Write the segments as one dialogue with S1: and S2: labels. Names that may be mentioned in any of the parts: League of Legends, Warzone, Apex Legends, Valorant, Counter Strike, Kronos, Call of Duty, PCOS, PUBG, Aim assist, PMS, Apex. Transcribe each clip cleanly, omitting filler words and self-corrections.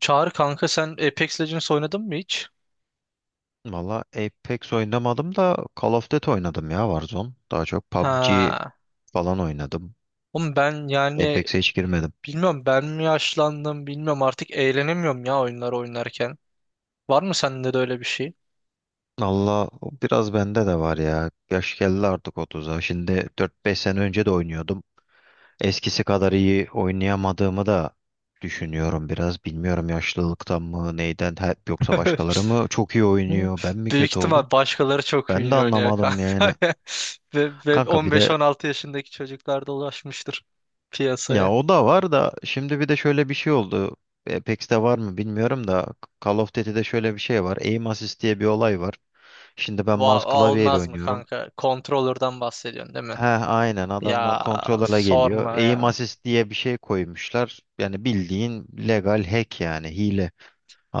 S1: Çağrı kanka sen Apex Legends oynadın mı hiç?
S2: Valla Apex oynamadım da Call of Duty oynadım ya Warzone. Daha çok PUBG
S1: Ha.
S2: falan oynadım.
S1: Oğlum ben yani
S2: Apex'e hiç girmedim.
S1: bilmiyorum ben mi yaşlandım bilmiyorum artık eğlenemiyorum ya oyunlar oynarken. Var mı sende de öyle bir şey?
S2: Valla o biraz bende de var ya. Yaş geldi artık otuza. Şimdi dört beş sene önce de oynuyordum. Eskisi kadar iyi oynayamadığımı da düşünüyorum biraz. Bilmiyorum yaşlılıktan mı neyden hep, yoksa başkaları mı çok iyi oynuyor? Ben mi
S1: Büyük
S2: kötü oldum?
S1: ihtimal başkaları çok
S2: Ben de
S1: iyi oynuyor
S2: anlamadım
S1: kanka.
S2: yani.
S1: Ve
S2: Kanka
S1: on
S2: bir
S1: beş
S2: de...
S1: on altı yaşındaki çocuklar da ulaşmıştır
S2: Ya
S1: piyasaya.
S2: o da var da şimdi bir de şöyle bir şey oldu. Apex'te var mı bilmiyorum da Call of Duty'de şöyle bir şey var. Aim assist diye bir olay var. Şimdi ben mouse klavyeyle
S1: Almaz mı
S2: oynuyorum.
S1: kanka? Controller'dan bahsediyorsun değil mi?
S2: He, aynen adamlar
S1: Ya
S2: kontrola geliyor.
S1: sorma
S2: Aim
S1: ya.
S2: assist diye bir şey koymuşlar. Yani bildiğin legal hack, yani hile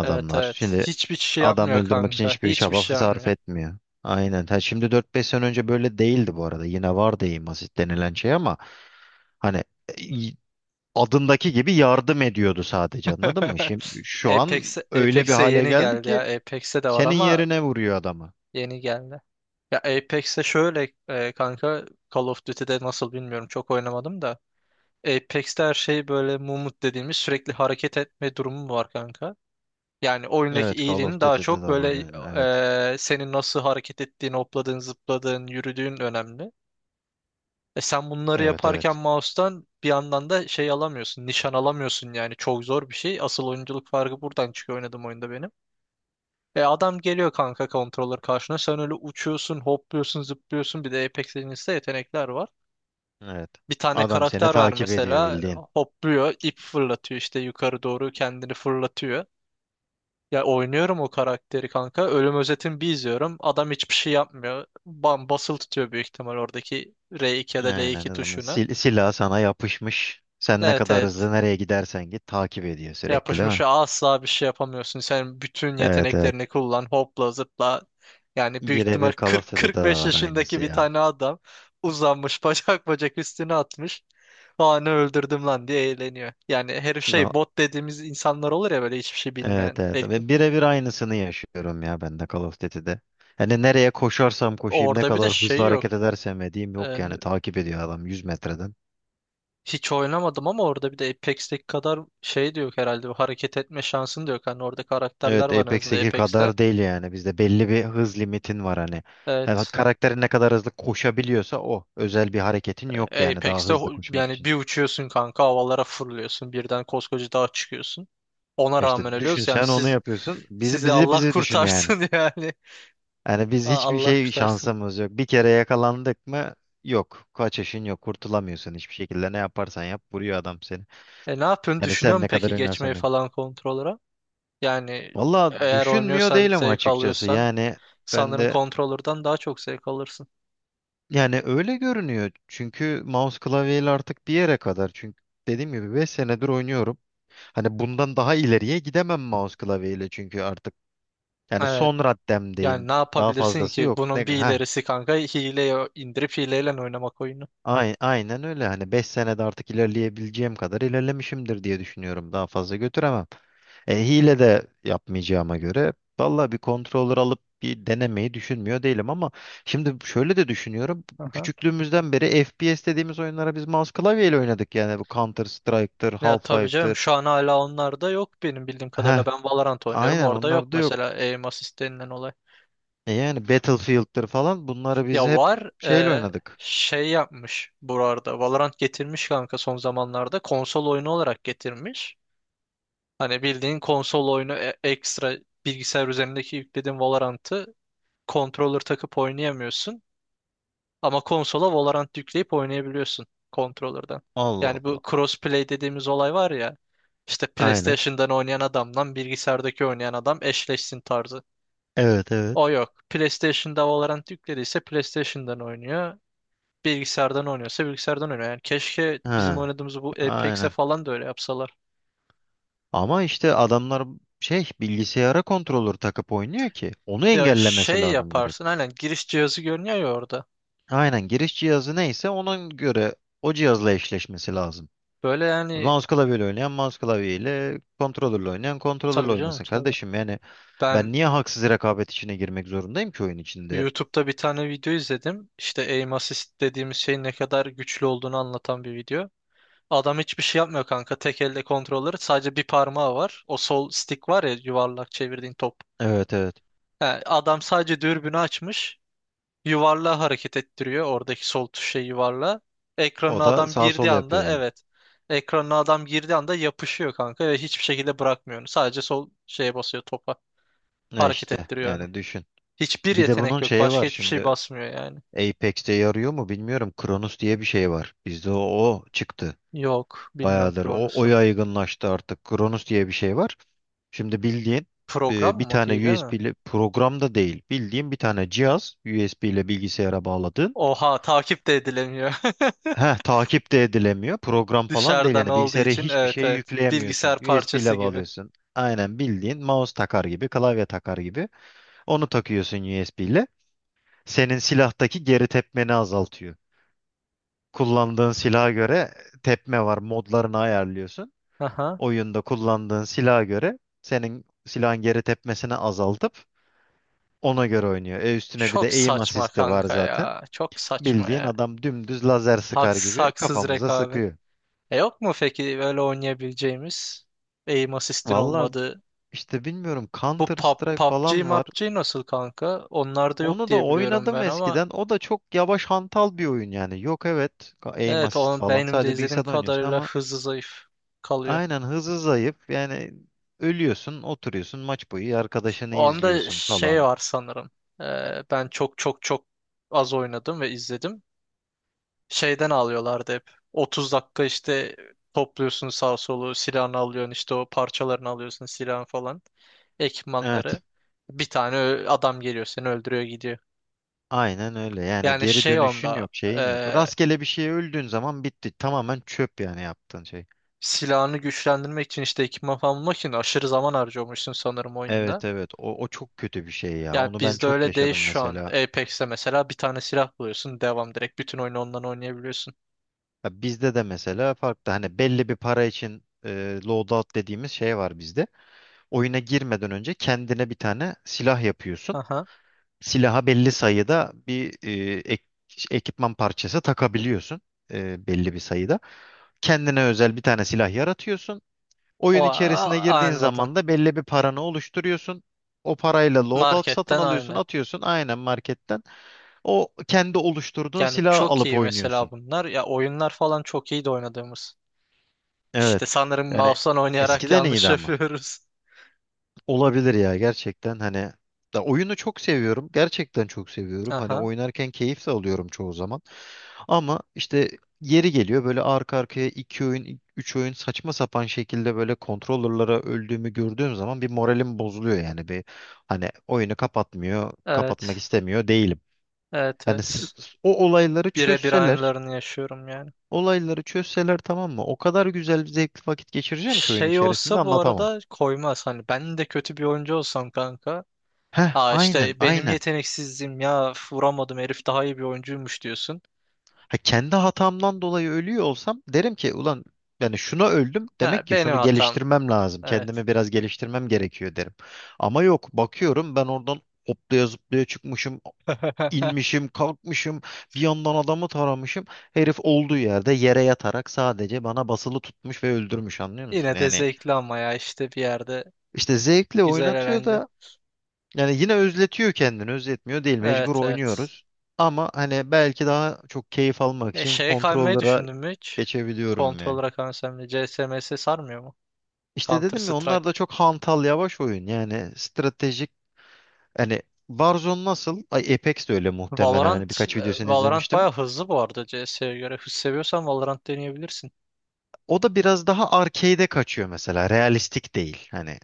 S1: Evet, evet.
S2: Şimdi
S1: Hiçbir şey
S2: adam
S1: yapmıyor
S2: öldürmek için
S1: kanka.
S2: hiçbir
S1: Hiçbir
S2: çaba
S1: şey
S2: sarf
S1: yapmıyor.
S2: etmiyor. Aynen. Ha, şimdi dört beş sene önce böyle değildi bu arada. Yine vardı aim assist denilen şey ama hani adındaki gibi yardım ediyordu sadece, anladın mı? Şimdi şu an
S1: Apex,
S2: öyle bir
S1: Apex'e
S2: hale
S1: yeni
S2: geldi
S1: geldi ya.
S2: ki
S1: Apex'e de var
S2: senin
S1: ama
S2: yerine vuruyor adamı.
S1: yeni geldi. Ya Apex'e şöyle kanka Call of Duty'de nasıl bilmiyorum çok oynamadım da. Apex'te her şey böyle mumut dediğimiz sürekli hareket etme durumu var kanka. Yani oyundaki
S2: Evet, Call of
S1: iyiliğin daha
S2: Duty'de
S1: çok
S2: de var
S1: böyle
S2: yani, evet.
S1: senin nasıl hareket ettiğin, hopladığın, zıpladığın, yürüdüğün önemli. E sen bunları
S2: Evet,
S1: yaparken
S2: evet.
S1: mouse'tan bir yandan da şey alamıyorsun, nişan alamıyorsun yani çok zor bir şey. Asıl oyunculuk farkı buradan çıkıyor oynadım oyunda benim. E adam geliyor kanka controller karşına. Sen öyle uçuyorsun, hopluyorsun, zıplıyorsun. Bir de Apex Legends'te yetenekler var.
S2: Evet.
S1: Bir tane
S2: Adam seni
S1: karakter ver
S2: takip ediyor
S1: mesela
S2: bildiğin.
S1: hopluyor, ip fırlatıyor işte yukarı doğru kendini fırlatıyor. Ya oynuyorum o karakteri kanka. Ölüm özetini bir izliyorum. Adam hiçbir şey yapmıyor. Bam basılı tutuyor büyük ihtimal oradaki R2 ya da
S2: Aynen,
S1: L2
S2: adamın
S1: tuşunu.
S2: silahı sana yapışmış. Sen ne
S1: Evet,
S2: kadar hızlı
S1: evet.
S2: nereye gidersen git takip ediyor sürekli, değil mi?
S1: Yapışmışa asla bir şey yapamıyorsun. Sen bütün
S2: Evet, evet.
S1: yeteneklerini kullan, hopla zıpla. Yani büyük ihtimal
S2: Birebir Call of Duty'de de
S1: 40-45
S2: var
S1: yaşındaki
S2: aynısı
S1: bir
S2: ya.
S1: tane adam uzanmış bacak bacak üstüne atmış. Aa ne öldürdüm lan diye eğleniyor. Yani her
S2: No.
S1: şey bot dediğimiz insanlar olur ya böyle hiçbir şey bilmeyen.
S2: Evet, evet. Ve birebir aynısını yaşıyorum ya ben de Call of Duty'de. Hani nereye koşarsam koşayım, ne
S1: Orada bir de
S2: kadar hızlı
S1: şey yok.
S2: hareket edersem edeyim yok
S1: Ee,
S2: yani, takip ediyor adam 100 metreden.
S1: hiç oynamadım ama orada bir de Apex'teki kadar şey de yok herhalde. Bu hareket etme şansın da yok. Hani orada karakterler
S2: Evet,
S1: var en azından
S2: Apex'teki
S1: Apex'te.
S2: kadar değil yani, bizde belli bir hız limitin var hani. Yani
S1: Evet.
S2: karakterin ne kadar hızlı koşabiliyorsa o, özel bir hareketin yok yani daha
S1: Apex'te
S2: hızlı koşmak
S1: yani
S2: için.
S1: bir uçuyorsun kanka havalara fırlıyorsun birden koskoca dağa çıkıyorsun. Ona
S2: E
S1: rağmen
S2: İşte düşün,
S1: ölüyoruz yani
S2: sen onu yapıyorsun, bizi
S1: sizi
S2: bizi
S1: Allah
S2: bizi düşün yani.
S1: kurtarsın yani.
S2: Yani biz hiçbir
S1: Allah
S2: şey
S1: kurtarsın.
S2: şansımız yok. Bir kere yakalandık mı yok. Kaçışın yok. Kurtulamıyorsun hiçbir şekilde. Ne yaparsan yap vuruyor adam seni.
S1: E ne yapıyorsun?
S2: Yani
S1: Düşünüyor
S2: sen
S1: musun
S2: ne kadar
S1: peki geçmeyi
S2: oynarsan oyna.
S1: falan kontrolöre? Yani
S2: Valla
S1: eğer
S2: düşünmüyor
S1: oynuyorsan
S2: değilim
S1: zevk
S2: açıkçası.
S1: alıyorsan
S2: Yani ben
S1: sanırım
S2: de
S1: kontrolörden daha çok zevk alırsın.
S2: yani öyle görünüyor. Çünkü mouse klavyeyle artık bir yere kadar. Çünkü dediğim gibi 5 senedir oynuyorum. Hani bundan daha ileriye gidemem mouse klavyeyle, çünkü artık yani
S1: Evet.
S2: son
S1: Yani
S2: raddemdeyim.
S1: ne
S2: Daha
S1: yapabilirsin
S2: fazlası
S1: ki?
S2: yok. Ne,
S1: Bunun bir
S2: heh.
S1: ilerisi kanka hileye indirip hileyle oynamak oyunu.
S2: Aynen öyle. Hani 5 senede artık ilerleyebileceğim kadar ilerlemişimdir diye düşünüyorum. Daha fazla götüremem. Hile de yapmayacağıma göre valla bir controller alıp bir denemeyi düşünmüyor değilim ama şimdi şöyle de düşünüyorum.
S1: Aha.
S2: Küçüklüğümüzden beri FPS dediğimiz oyunlara biz mouse klavyeyle oynadık. Yani bu Counter Strike'tır,
S1: Ya tabii canım
S2: Half-Life'tır.
S1: şu an hala onlar da yok benim bildiğim kadarıyla.
S2: Heh,
S1: Ben Valorant oynuyorum
S2: aynen,
S1: orada yok
S2: onlar da yok.
S1: mesela aim assist denilen olay.
S2: E yani Battlefield'tır falan, bunları biz
S1: Ya
S2: hep
S1: var
S2: şeyle oynadık.
S1: şey yapmış burada. Valorant getirmiş kanka son zamanlarda. Konsol oyunu olarak getirmiş. Hani bildiğin konsol oyunu ekstra bilgisayar üzerindeki yüklediğin Valorant'ı controller takıp oynayamıyorsun. Ama konsola Valorant yükleyip oynayabiliyorsun controller'dan.
S2: Allah
S1: Yani bu
S2: Allah.
S1: crossplay dediğimiz olay var ya. İşte
S2: Aynen.
S1: PlayStation'dan oynayan adamla bilgisayardaki oynayan adam eşleşsin tarzı.
S2: Evet, evet.
S1: O yok. PlayStation'da Valorant yüklediyse PlayStation'dan oynuyor. Bilgisayardan oynuyorsa bilgisayardan oynuyor. Yani keşke bizim
S2: Ha,
S1: oynadığımız bu Apex'e
S2: aynen.
S1: falan da öyle yapsalar.
S2: Ama işte adamlar şey, bilgisayara kontrolör takıp oynuyor ki onu
S1: Ya
S2: engellemesi
S1: şey
S2: lazım direkt.
S1: yaparsın aynen giriş cihazı görünüyor ya orada.
S2: Aynen giriş cihazı neyse ona göre o cihazla eşleşmesi lazım.
S1: Böyle yani
S2: Mouse klavyeyle oynayan mouse klavyeyle, kontrolörle oynayan kontrolörle
S1: tabii canım
S2: oynasın
S1: tabii.
S2: kardeşim. Yani
S1: Ben
S2: ben niye haksız rekabet içine girmek zorundayım ki oyun içinde?
S1: YouTube'da bir tane video izledim. İşte aim assist dediğimiz şeyin ne kadar güçlü olduğunu anlatan bir video. Adam hiçbir şey yapmıyor kanka. Tek elde kontrolleri sadece bir parmağı var. O sol stick var ya yuvarlak çevirdiğin top.
S2: Evet, evet.
S1: He, adam sadece dürbünü açmış. Yuvarlağı hareket ettiriyor. Oradaki sol tuşa yuvarla.
S2: O
S1: Ekranına
S2: da
S1: adam
S2: sağ
S1: girdiği
S2: sol yapıyor
S1: anda
S2: yani.
S1: evet. Ekranına adam girdiği anda yapışıyor kanka ve hiçbir şekilde bırakmıyor onu. Sadece sol şeye basıyor topa.
S2: Ne
S1: Hareket
S2: işte
S1: ettiriyor onu.
S2: yani, düşün.
S1: Hiçbir
S2: Bir de
S1: yetenek
S2: bunun
S1: yok.
S2: şeyi
S1: Başka
S2: var
S1: hiçbir şey
S2: şimdi.
S1: basmıyor yani.
S2: Apex'te yarıyor mu bilmiyorum. Kronos diye bir şey var. Bizde o çıktı.
S1: Yok. Bilmiyorum
S2: Bayağıdır. O
S1: Kronos'u.
S2: yaygınlaştı artık. Kronos diye bir şey var. Şimdi bildiğin
S1: Program
S2: bir
S1: mı?
S2: tane
S1: Hile mi?
S2: USB ile program da değil. Bildiğin bir tane cihaz USB ile bilgisayara bağladığın.
S1: Oha takip de edilemiyor.
S2: Heh, takip de edilemiyor. Program falan değil.
S1: Dışarıdan
S2: Yani
S1: olduğu
S2: bilgisayara
S1: için
S2: hiçbir
S1: evet,
S2: şey
S1: evet.
S2: yükleyemiyorsun.
S1: Bilgisayar
S2: USB
S1: parçası
S2: ile
S1: gibi.
S2: bağlıyorsun. Aynen bildiğin mouse takar gibi, klavye takar gibi. Onu takıyorsun USB ile. Senin silahtaki geri tepmeni azaltıyor. Kullandığın silaha göre tepme var. Modlarını ayarlıyorsun.
S1: Aha.
S2: Oyunda kullandığın silaha göre senin silahın geri tepmesini azaltıp ona göre oynuyor. Üstüne bir de
S1: Çok
S2: aim
S1: saçma
S2: assist'i var
S1: kanka
S2: zaten.
S1: ya. Çok saçma
S2: Bildiğin
S1: ya.
S2: adam dümdüz lazer sıkar
S1: Haksız
S2: gibi
S1: haksız
S2: kafamıza
S1: rekabet.
S2: sıkıyor.
S1: E yok mu peki böyle oynayabileceğimiz? Aim assist'in
S2: Valla
S1: olmadığı.
S2: işte bilmiyorum,
S1: Bu
S2: Counter Strike
S1: PUBG,
S2: falan var.
S1: MUBG nasıl kanka? Onlar da yok
S2: Onu da
S1: diye biliyorum
S2: oynadım
S1: ben ama
S2: eskiden. O da çok yavaş, hantal bir oyun yani. Yok evet, aim
S1: evet
S2: assist
S1: onun
S2: falan.
S1: benim de
S2: Sadece
S1: izlediğim
S2: bilgisayarda oynuyorsun
S1: kadarıyla
S2: ama
S1: hızlı zayıf kalıyor.
S2: aynen, hızı zayıf. Yani ölüyorsun, oturuyorsun, maç boyu arkadaşını
S1: Onda
S2: izliyorsun
S1: şey
S2: falan.
S1: var sanırım. Ben çok çok çok az oynadım ve izledim. Şeyden alıyorlardı hep. 30 dakika işte topluyorsun sağ solu, silahını alıyorsun işte o parçalarını alıyorsun silahın falan,
S2: Evet.
S1: ekipmanları. Bir tane adam geliyor seni öldürüyor gidiyor.
S2: Aynen öyle. Yani
S1: Yani
S2: geri
S1: şey
S2: dönüşün
S1: onda
S2: yok, şeyin yok.
S1: e,
S2: Rastgele bir şeye öldüğün zaman bitti. Tamamen çöp yani yaptığın şey.
S1: silahını güçlendirmek için işte ekipman falan bulmak için aşırı zaman harcıyormuşsun sanırım oyunda.
S2: Evet, evet. O çok kötü bir şey ya.
S1: Yani
S2: Onu ben
S1: bizde
S2: çok
S1: öyle değil
S2: yaşadım
S1: şu an.
S2: mesela.
S1: Apex'te mesela bir tane silah buluyorsun. Devam direkt bütün oyunu ondan oynayabiliyorsun.
S2: Ya bizde de mesela farklı. Hani belli bir para için loadout dediğimiz şey var bizde. Oyuna girmeden önce kendine bir tane silah yapıyorsun.
S1: Aha.
S2: Silaha belli sayıda bir ekipman parçası takabiliyorsun. Belli bir sayıda. Kendine özel bir tane silah yaratıyorsun. Oyun
S1: O
S2: içerisine girdiğin
S1: anladım.
S2: zaman da belli bir paranı oluşturuyorsun. O parayla loadout satın
S1: Marketten
S2: alıyorsun,
S1: aynen.
S2: atıyorsun aynen marketten. O kendi oluşturduğun
S1: Yani
S2: silahı
S1: çok
S2: alıp
S1: iyi mesela
S2: oynuyorsun.
S1: bunlar. Ya oyunlar falan çok iyi de oynadığımız. İşte
S2: Evet.
S1: sanırım
S2: Yani
S1: mouse'dan oynayarak
S2: eskiden
S1: yanlış
S2: iyiydi ama.
S1: yapıyoruz.
S2: Olabilir ya, gerçekten hani da oyunu çok seviyorum. Gerçekten çok seviyorum. Hani
S1: Aha.
S2: oynarken keyif de alıyorum çoğu zaman. Ama işte yeri geliyor, böyle arka arkaya iki oyun, üç oyun saçma sapan şekilde böyle kontrollerlara öldüğümü gördüğüm zaman bir moralim bozuluyor yani, bir hani oyunu kapatmıyor, kapatmak
S1: Evet.
S2: istemiyor değilim.
S1: Evet,
S2: Hani
S1: evet.
S2: o olayları
S1: Birebir
S2: çözseler,
S1: aynılarını yaşıyorum ya.
S2: olayları çözseler tamam mı? O kadar güzel, zevkli vakit geçireceğim ki oyun
S1: Şey
S2: içerisinde
S1: olsa bu
S2: anlatamam.
S1: arada koymaz. Hani ben de kötü bir oyuncu olsam kanka.
S2: Heh,
S1: Aa
S2: aynen,
S1: işte benim
S2: aynen.
S1: yeteneksizliğim ya üf, vuramadım herif daha iyi bir oyuncuymuş diyorsun.
S2: Ha, kendi hatamdan dolayı ölüyor olsam derim ki ulan, yani şuna öldüm
S1: Ha,
S2: demek ki
S1: benim
S2: şunu
S1: hatam.
S2: geliştirmem lazım.
S1: Evet.
S2: Kendimi biraz geliştirmem gerekiyor derim. Ama yok, bakıyorum ben oradan hoplaya zıplaya çıkmışım, inmişim, kalkmışım, bir yandan adamı taramışım. Herif olduğu yerde yere yatarak sadece bana basılı tutmuş ve öldürmüş, anlıyor musun?
S1: Yine de
S2: Yani
S1: zevkli ama ya işte bir yerde
S2: işte zevkle
S1: güzel
S2: oynatıyor
S1: eğlence.
S2: da yani yine özletiyor kendini, özletmiyor değil, mecbur
S1: Evet, evet.
S2: oynuyoruz. Ama hani belki daha çok keyif almak
S1: E,
S2: için
S1: şeye kaymayı
S2: kontrollere
S1: düşündün mü hiç?
S2: geçebiliyorum ya.
S1: Kontrolöre kaysam da CSMS sarmıyor mu?
S2: İşte
S1: Counter
S2: dedim ya, onlar
S1: Strike.
S2: da çok hantal yavaş oyun. Yani stratejik hani Warzone nasıl? Ay Apex de öyle muhtemelen. Hani
S1: Valorant,
S2: birkaç
S1: e,
S2: videosunu
S1: Valorant
S2: izlemiştim.
S1: baya hızlı bu arada CS'ye göre. Hız seviyorsan Valorant deneyebilirsin.
S2: O da biraz daha arcade'e kaçıyor mesela. Realistik değil. Hani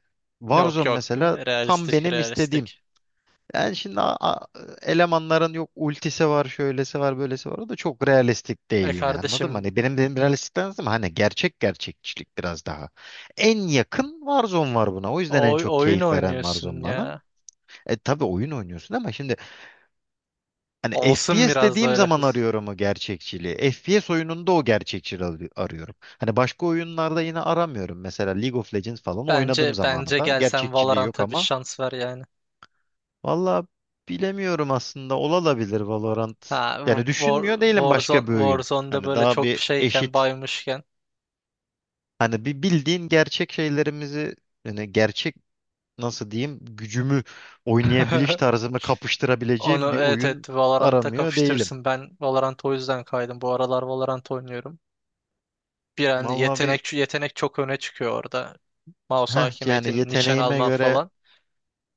S1: Yok,
S2: Warzone
S1: yok.
S2: mesela tam
S1: Realistik,
S2: benim istediğim.
S1: realistik.
S2: Yani şimdi elemanların yok, ultisi var, şöylesi var, böylesi var. O da çok realistik değil
S1: E
S2: yine, anladın mı?
S1: kardeşim
S2: Hani benim realistikten ama hani gerçek gerçekçilik biraz daha. En yakın Warzone var buna. O yüzden en çok
S1: oyun
S2: keyif veren
S1: oynuyorsun
S2: Warzone bana.
S1: ya.
S2: E tabii oyun oynuyorsun ama şimdi hani
S1: Olsun
S2: FPS
S1: biraz da
S2: dediğim
S1: öyle
S2: zaman
S1: hız.
S2: arıyorum o gerçekçiliği. FPS oyununda o gerçekçiliği arıyorum. Hani başka oyunlarda yine aramıyorum. Mesela League of Legends falan
S1: Bence
S2: oynadığım
S1: bence
S2: zamanında
S1: gel sen
S2: gerçekçiliği yok
S1: Valorant'a bir
S2: ama
S1: şans ver yani.
S2: valla bilemiyorum, aslında olabilir Valorant.
S1: Ha
S2: Yani
S1: War,
S2: düşünmüyor değilim başka
S1: Warzone,
S2: bir oyun.
S1: Warzone'da
S2: Hani
S1: böyle
S2: daha
S1: çok
S2: bir
S1: şeyken
S2: eşit.
S1: baymışken
S2: Hani bir bildiğin gerçek şeylerimizi, yani gerçek nasıl diyeyim, gücümü, oynayabiliş tarzımı
S1: onu
S2: kapıştırabileceğim bir
S1: evet,
S2: oyun
S1: evet Valorant'ta
S2: aramıyor değilim.
S1: kapıştırırsın. Ben Valorant'a o yüzden kaydım. Bu aralar Valorant oynuyorum. Bir an
S2: Vallahi bir
S1: yetenek yetenek çok öne çıkıyor orada. Mouse
S2: heh, yani
S1: hakimiyetini nişan
S2: yeteneğime
S1: alman
S2: göre
S1: falan.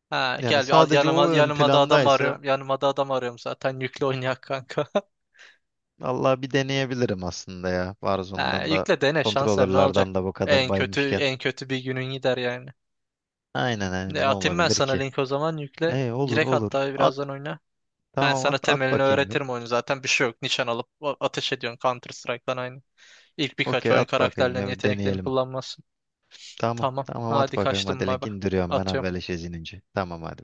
S1: Ha,
S2: yani
S1: gel bir al
S2: sadece
S1: yanıma,
S2: o ön
S1: yanıma da adam
S2: plandaysa
S1: arıyorum. Yanıma da adam arıyorum zaten. Yükle oynayak kanka.
S2: vallahi bir deneyebilirim aslında ya.
S1: Ha,
S2: Warzone'dan da
S1: yükle dene şanslar ne olacak?
S2: kontrolörlerden de bu kadar
S1: En kötü
S2: baymışken.
S1: en kötü bir günün gider yani.
S2: Aynen,
S1: Ne
S2: aynen, ne
S1: atayım ben
S2: olabilir
S1: sana
S2: ki?
S1: link o zaman yükle.
S2: E olur,
S1: Direkt
S2: olur.
S1: hatta
S2: At,
S1: birazdan oyna. Ben
S2: tamam, at
S1: sana
S2: at
S1: temelini
S2: bakayım bir.
S1: öğretirim oyunu zaten. Bir şey yok. Nişan alıp ateş ediyorsun Counter Strike'dan aynı. İlk birkaç
S2: Okey
S1: oyun
S2: at bakayım
S1: karakterlerin
S2: ya, bir
S1: yeteneklerini
S2: deneyelim.
S1: kullanmazsın.
S2: Tamam,
S1: Tamam.
S2: tamam, at
S1: Hadi
S2: bakayım,
S1: kaçtım
S2: hadi link
S1: baba.
S2: indiriyorum ben,
S1: Atıyorum.
S2: haberleşeceğiz inince. Tamam, hadi.